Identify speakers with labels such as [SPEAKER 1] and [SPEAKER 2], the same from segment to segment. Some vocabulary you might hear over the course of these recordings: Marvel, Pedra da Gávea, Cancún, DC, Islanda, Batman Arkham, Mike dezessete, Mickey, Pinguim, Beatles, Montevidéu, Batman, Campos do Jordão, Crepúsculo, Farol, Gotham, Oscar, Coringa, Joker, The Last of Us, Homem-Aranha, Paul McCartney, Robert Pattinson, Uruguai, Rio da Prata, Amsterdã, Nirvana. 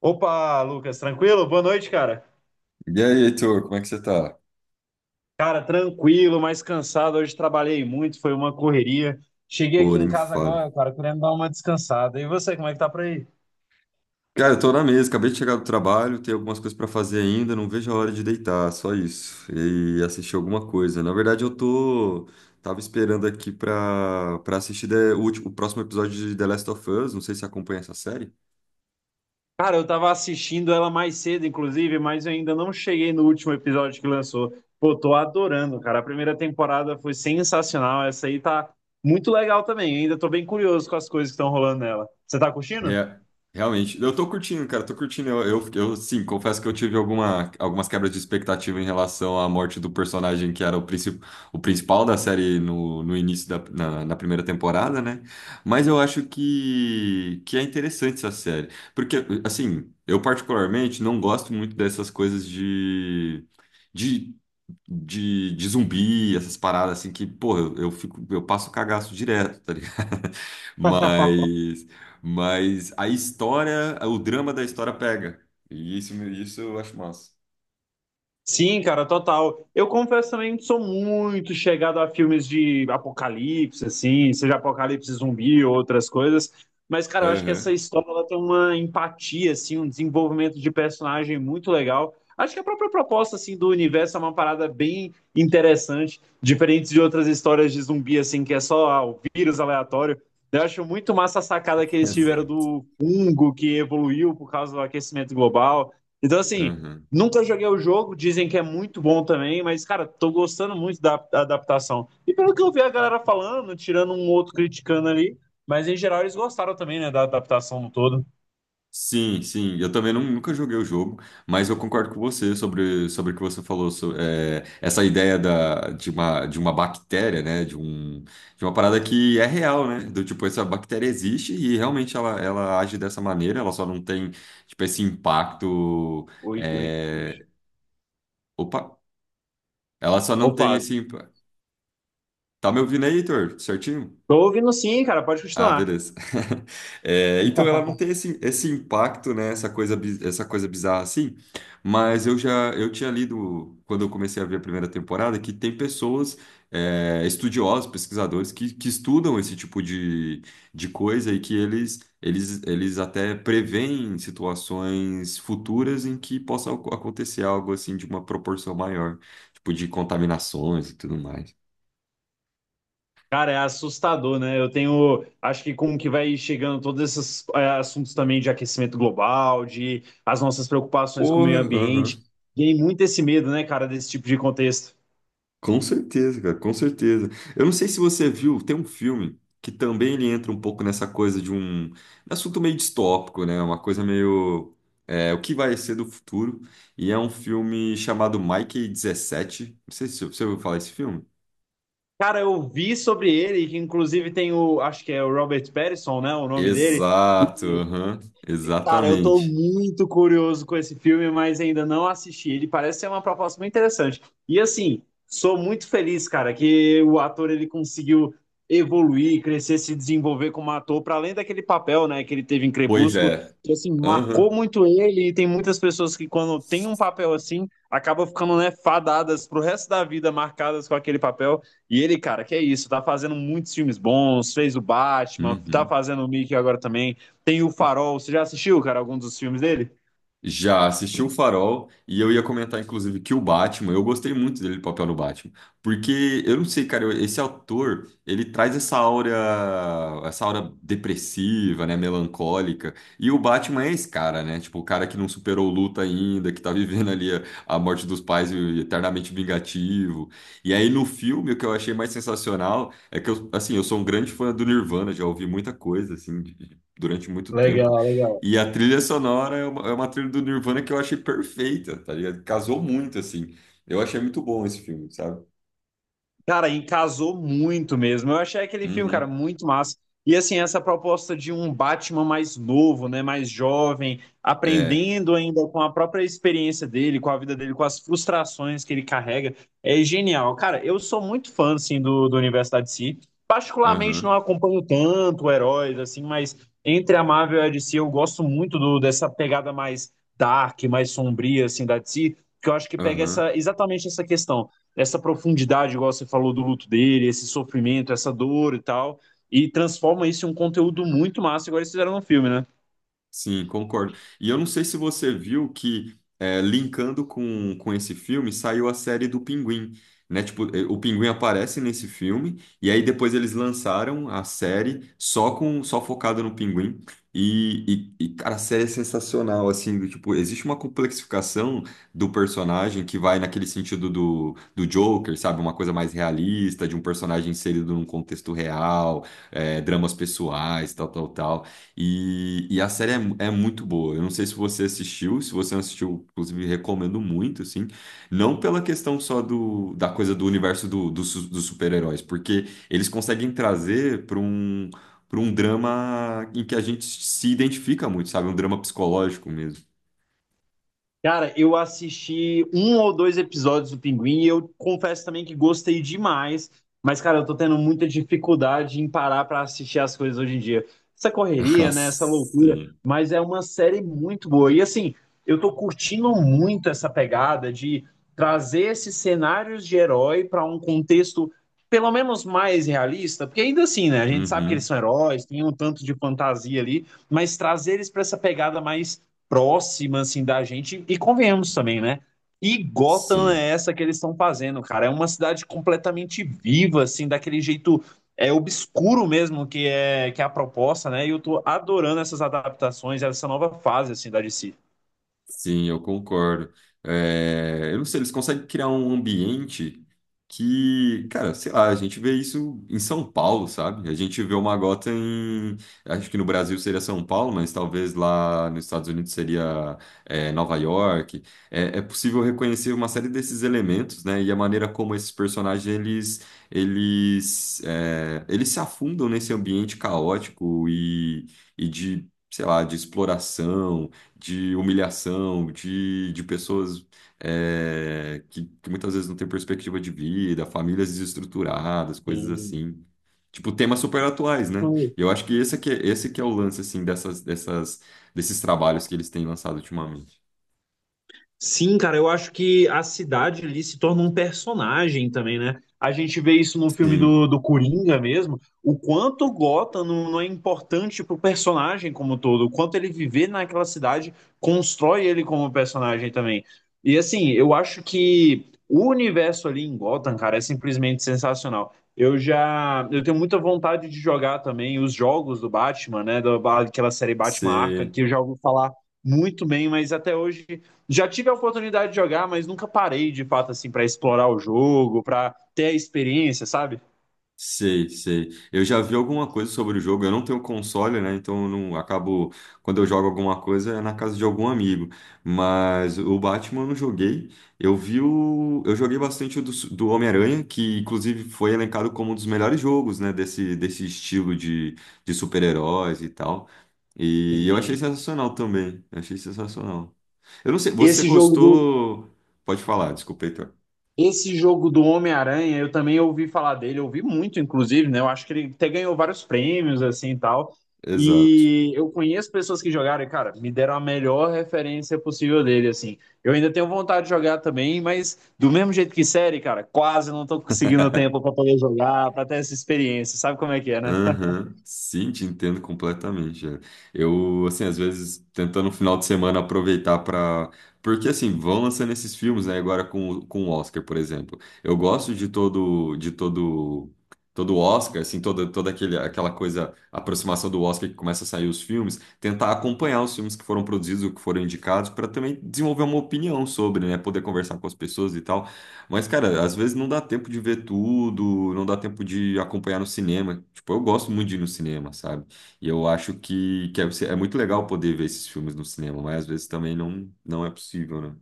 [SPEAKER 1] Opa, Lucas, tranquilo? Boa noite, cara.
[SPEAKER 2] E aí, Heitor, como é que você tá?
[SPEAKER 1] Cara, tranquilo, mas cansado. Hoje trabalhei muito, foi uma correria. Cheguei
[SPEAKER 2] Pô,
[SPEAKER 1] aqui em
[SPEAKER 2] nem me
[SPEAKER 1] casa
[SPEAKER 2] fale.
[SPEAKER 1] agora, cara, querendo dar uma descansada. E você, como é que tá por aí?
[SPEAKER 2] Cara, eu tô na mesa, acabei de chegar do trabalho, tenho algumas coisas pra fazer ainda, não vejo a hora de deitar, só isso. E assistir alguma coisa. Na verdade, eu tô. Tava esperando aqui pra assistir o próximo episódio de The Last of Us. Não sei se você acompanha essa série.
[SPEAKER 1] Cara, eu tava assistindo ela mais cedo, inclusive, mas eu ainda não cheguei no último episódio que lançou. Pô, tô adorando, cara. A primeira temporada foi sensacional. Essa aí tá muito legal também. Ainda tô bem curioso com as coisas que estão rolando nela. Você tá curtindo?
[SPEAKER 2] Rea- Realmente, eu tô curtindo, cara, tô curtindo. Eu, sim, confesso que eu tive algumas quebras de expectativa em relação à morte do personagem que era o principal da série no início na primeira temporada, né? Mas eu acho que é interessante essa série. Porque, assim, eu particularmente não gosto muito dessas coisas de de zumbi, essas paradas assim que, pô, eu fico, eu passo cagaço direto, tá ligado? Mas mas a história, o drama da história pega. E isso eu acho massa.
[SPEAKER 1] Sim, cara, total. Eu confesso também que sou muito chegado a filmes de apocalipse, assim, seja apocalipse zumbi ou outras coisas. Mas, cara, eu acho que essa
[SPEAKER 2] Aham.
[SPEAKER 1] história ela tem uma empatia, assim, um desenvolvimento de personagem muito legal. Acho que a própria proposta, assim, do universo é uma parada bem interessante, diferente de outras histórias de zumbi, assim, que é só ah, o vírus aleatório. Eu acho muito massa a sacada que eles tiveram
[SPEAKER 2] Exato.
[SPEAKER 1] do fungo que evoluiu por causa do aquecimento global. Então, assim.
[SPEAKER 2] Aham.
[SPEAKER 1] Nunca joguei o jogo, dizem que é muito bom também, mas, cara, tô gostando muito da adaptação. E pelo que eu vi a galera falando, tirando um outro criticando ali, mas em geral eles gostaram também, né, da adaptação no todo.
[SPEAKER 2] Sim, sim. Eu também nunca joguei o jogo, mas eu concordo com você sobre o que você falou. Essa ideia de uma bactéria, né? De uma parada que é real, né? Do tipo, essa bactéria existe e realmente ela age dessa maneira, ela só não tem, tipo, esse impacto.
[SPEAKER 1] Oi, oi.
[SPEAKER 2] é, Opa! Ela só não tem
[SPEAKER 1] Opa,
[SPEAKER 2] esse. Tá me ouvindo aí, Heitor? Certinho?
[SPEAKER 1] tô ouvindo sim, cara, pode
[SPEAKER 2] Ah,
[SPEAKER 1] continuar.
[SPEAKER 2] beleza. É, então ela não tem esse impacto, né? Essa coisa bizarra assim. Mas eu tinha lido quando eu comecei a ver a primeira temporada que tem pessoas, estudiosos, pesquisadores que estudam esse tipo de coisa e que eles até preveem situações futuras em que possa acontecer algo assim de uma proporção maior, tipo de contaminações e tudo mais.
[SPEAKER 1] Cara, é assustador, né? Eu tenho, acho que como que vai chegando todos esses é, assuntos também de aquecimento global, de as nossas preocupações com o
[SPEAKER 2] Porra.
[SPEAKER 1] meio
[SPEAKER 2] Aham.
[SPEAKER 1] ambiente, tem muito esse medo, né, cara, desse tipo de contexto.
[SPEAKER 2] Com certeza, cara, com certeza. Eu não sei se você viu, tem um filme que também ele entra um pouco nessa coisa de um assunto meio distópico, né? Uma coisa meio, é o que vai ser do futuro. E é um filme chamado Mike 17. Não sei se você ouviu falar esse filme.
[SPEAKER 1] Cara, eu vi sobre ele, que inclusive tem o, acho que é o Robert Pattinson, né, o nome dele.
[SPEAKER 2] Exato. Aham,
[SPEAKER 1] Cara, eu tô
[SPEAKER 2] exatamente.
[SPEAKER 1] muito curioso com esse filme, mas ainda não assisti. Ele parece ser uma proposta muito interessante. E assim, sou muito feliz, cara, que o ator ele conseguiu evoluir, crescer, se desenvolver como ator, para além daquele papel, né, que ele teve em
[SPEAKER 2] Pois
[SPEAKER 1] Crepúsculo,
[SPEAKER 2] é.
[SPEAKER 1] que assim marcou
[SPEAKER 2] Aham.
[SPEAKER 1] muito ele. E tem muitas pessoas que quando tem um papel assim, acabam ficando, né, fadadas pro resto da vida, marcadas com aquele papel. E ele, cara, que é isso, tá fazendo muitos filmes bons, fez o Batman, tá
[SPEAKER 2] Uhum.
[SPEAKER 1] fazendo o Mickey agora também. Tem o Farol. Você já assistiu, cara, algum dos filmes dele?
[SPEAKER 2] Já assisti o Farol e eu ia comentar, inclusive, que o Batman, eu gostei muito dele, do papel no Batman. Porque, eu não sei, cara, esse autor, ele traz essa aura depressiva, né, melancólica. E o Batman é esse cara, né? Tipo, o cara que não superou luta ainda, que tá vivendo ali a morte dos pais e eternamente vingativo. E aí, no filme, o que eu achei mais sensacional é que eu, assim, eu sou um grande fã do Nirvana, já ouvi muita coisa, assim, durante muito tempo.
[SPEAKER 1] Legal.
[SPEAKER 2] E a trilha sonora é uma trilha do Nirvana que eu achei perfeita, tá ligado? Casou muito, assim. Eu achei muito bom esse filme, sabe?
[SPEAKER 1] Cara, e casou muito mesmo. Eu achei aquele filme, cara,
[SPEAKER 2] Uhum.
[SPEAKER 1] muito massa. E assim, essa proposta de um Batman mais novo, né, mais jovem,
[SPEAKER 2] É.
[SPEAKER 1] aprendendo ainda com a própria experiência dele, com a vida dele, com as frustrações que ele carrega, é genial. Cara, eu sou muito fã, assim, do universo da DC. Particularmente não
[SPEAKER 2] Aham.
[SPEAKER 1] acompanho tanto heróis, assim, mas entre a Marvel e a DC eu gosto muito do- dessa pegada mais dark, mais sombria, assim, da DC, porque eu acho que pega
[SPEAKER 2] Aham.
[SPEAKER 1] essa, exatamente essa questão, essa profundidade, igual você falou do luto dele, esse sofrimento, essa dor e tal, e transforma isso em um conteúdo muito massa, igual eles fizeram no filme, né?
[SPEAKER 2] Sim, concordo. E eu não sei se você viu que, é, linkando com esse filme, saiu a série do Pinguim, né? Tipo, eh, o Pinguim aparece nesse filme, e aí depois eles lançaram a série só com só focada no Pinguim. E, cara, a série é sensacional, assim, do tipo, existe uma complexificação do personagem que vai naquele sentido do Joker, sabe? Uma coisa mais realista, de um personagem inserido num contexto real, eh, dramas pessoais, tal, tal, tal. E a série é muito boa. Eu não sei se você assistiu, se você não assistiu, inclusive recomendo muito, assim. Não pela questão só do, da coisa do universo dos super-heróis, porque eles conseguem trazer para um drama em que a gente se identifica muito, sabe? Um drama psicológico mesmo.
[SPEAKER 1] Cara, eu assisti um ou dois episódios do Pinguim e eu confesso também que gostei demais, mas, cara, eu tô tendo muita dificuldade em parar pra assistir as coisas hoje em dia. Essa
[SPEAKER 2] Ah,
[SPEAKER 1] correria, né? Essa loucura,
[SPEAKER 2] sim.
[SPEAKER 1] mas é uma série muito boa. E assim, eu tô curtindo muito essa pegada de trazer esses cenários de herói pra um contexto pelo menos mais realista, porque ainda assim, né? A gente sabe que eles
[SPEAKER 2] Uhum.
[SPEAKER 1] são heróis, tem um tanto de fantasia ali, mas trazer eles pra essa pegada mais próxima, assim, da gente. E convenhamos também, né? E Gotham
[SPEAKER 2] Sim.
[SPEAKER 1] é essa que eles estão fazendo, cara. É uma cidade completamente viva, assim, daquele jeito é obscuro mesmo que é a proposta, né? E eu tô adorando essas adaptações, essa nova fase assim da DC.
[SPEAKER 2] Sim, eu concordo. É, eu não sei, eles conseguem criar um ambiente que, cara, sei lá, a gente vê isso em São Paulo, sabe? A gente vê uma gota em. Acho que no Brasil seria São Paulo, mas talvez lá nos Estados Unidos seria, é, Nova York. É, é possível reconhecer uma série desses elementos, né? E a maneira como esses personagens eles, eles, é, eles se afundam nesse ambiente caótico e de. Sei lá, de exploração, de humilhação, de pessoas, é, que muitas vezes não têm perspectiva de vida, famílias desestruturadas, coisas
[SPEAKER 1] Sim.
[SPEAKER 2] assim. Tipo, temas super atuais, né? E eu acho que esse aqui, é- esse que é o lance, assim, desses trabalhos que eles têm lançado ultimamente.
[SPEAKER 1] Sim, cara, eu acho que a cidade ali se torna um personagem também, né? A gente vê isso no filme
[SPEAKER 2] Sim.
[SPEAKER 1] do, do Coringa mesmo, o quanto Gotham não, não é importante pro personagem como um todo, o quanto ele viver naquela cidade constrói ele como personagem também. E assim, eu acho que o universo ali em Gotham, cara, é simplesmente sensacional. Eu já, eu tenho muita vontade de jogar também os jogos do Batman, né, da, daquela série Batman Arkham,
[SPEAKER 2] Você
[SPEAKER 1] que eu já ouvi falar muito bem, mas até hoje já tive a oportunidade de jogar, mas nunca parei de fato assim para explorar o jogo, para ter a experiência, sabe?
[SPEAKER 2] Sei, sei. Eu já vi alguma coisa sobre o jogo. Eu não tenho console, né? Então eu não acabo. Quando eu jogo alguma coisa é na casa de algum amigo. Mas o Batman eu não joguei. Eu vi o. Eu joguei bastante o do Homem-Aranha, que inclusive foi elencado como um dos melhores jogos, né, desse estilo de super-heróis e tal. E eu achei
[SPEAKER 1] Sim.
[SPEAKER 2] sensacional também. Eu achei sensacional. Eu não sei, você
[SPEAKER 1] Esse jogo do
[SPEAKER 2] gostou. Pode falar, desculpa, Heitor.
[SPEAKER 1] Esse jogo do Homem-Aranha, eu também ouvi falar dele, eu ouvi muito, inclusive, né? Eu acho que ele até ganhou vários prêmios, assim e tal.
[SPEAKER 2] Exato.
[SPEAKER 1] E eu conheço pessoas que jogaram e, cara, me deram a melhor referência possível dele, assim. Eu ainda tenho vontade de jogar também, mas do mesmo jeito que série, cara, quase não tô conseguindo tempo pra poder jogar, pra ter essa experiência. Sabe como é que é, né?
[SPEAKER 2] Aham. Sim, te entendo completamente. Eu, assim, às vezes tentando no final de semana aproveitar pra. Porque, assim, vão lançando esses filmes, né? Agora com o Oscar, por exemplo. Eu gosto todo o Oscar, assim, aquela coisa, a aproximação do Oscar que começa a sair os filmes, tentar acompanhar os filmes que foram produzidos, ou que foram indicados, para também desenvolver uma opinião sobre, né? Poder conversar com as pessoas e tal. Mas, cara, às vezes não dá tempo de ver tudo, não dá tempo de acompanhar no cinema. Tipo, eu gosto muito de ir no cinema, sabe? E eu acho que é muito legal poder ver esses filmes no cinema, mas às vezes também não é possível, né?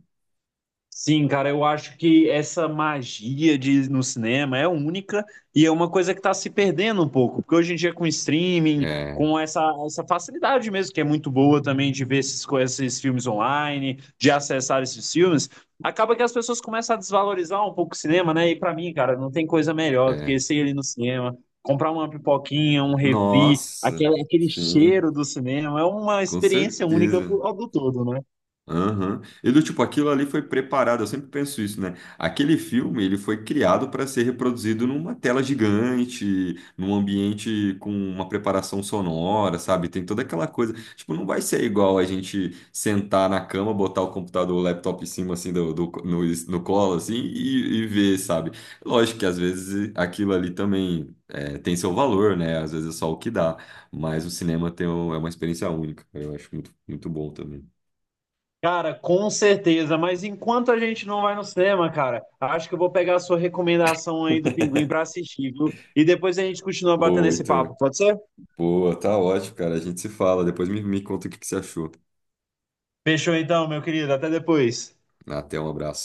[SPEAKER 1] Sim, cara, eu acho que essa magia de no cinema é única e é uma coisa que está se perdendo um pouco, porque hoje em dia com streaming,
[SPEAKER 2] É,
[SPEAKER 1] com essa, essa facilidade mesmo, que é muito boa também de ver esses, co- esses filmes online, de acessar esses filmes, acaba que as pessoas começam a desvalorizar um pouco o cinema, né? E para mim, cara, não tem coisa melhor do
[SPEAKER 2] é.
[SPEAKER 1] que ser ali no cinema, comprar uma pipoquinha, um refri,
[SPEAKER 2] Nossa,
[SPEAKER 1] aquele, aquele
[SPEAKER 2] sim,
[SPEAKER 1] cheiro do cinema, é uma
[SPEAKER 2] com
[SPEAKER 1] experiência única
[SPEAKER 2] certeza.
[SPEAKER 1] pro- do todo, né?
[SPEAKER 2] Aham. E do tipo, aquilo ali foi preparado, eu sempre penso isso, né? Aquele filme, ele foi criado para ser reproduzido numa tela gigante, num ambiente com uma preparação sonora, sabe? Tem toda aquela coisa. Tipo, não vai ser igual a gente sentar na cama, botar o computador, o laptop em cima, assim, no colo, assim, e ver, sabe? Lógico que às vezes aquilo ali também é, tem seu valor, né? Às vezes é só o que dá, mas o cinema tem, é uma experiência única, eu acho muito, muito bom também.
[SPEAKER 1] Cara, com certeza, mas enquanto a gente não vai no cinema, cara, acho que eu vou pegar a sua recomendação aí do Pinguim pra assistir, viu? E depois a gente continua batendo
[SPEAKER 2] Boa,
[SPEAKER 1] esse papo,
[SPEAKER 2] Heitor.
[SPEAKER 1] pode ser?
[SPEAKER 2] Boa, tá ótimo, cara. A gente se fala. Depois me conta o que que você achou.
[SPEAKER 1] Fechou então, meu querido, até depois.
[SPEAKER 2] Até um abraço.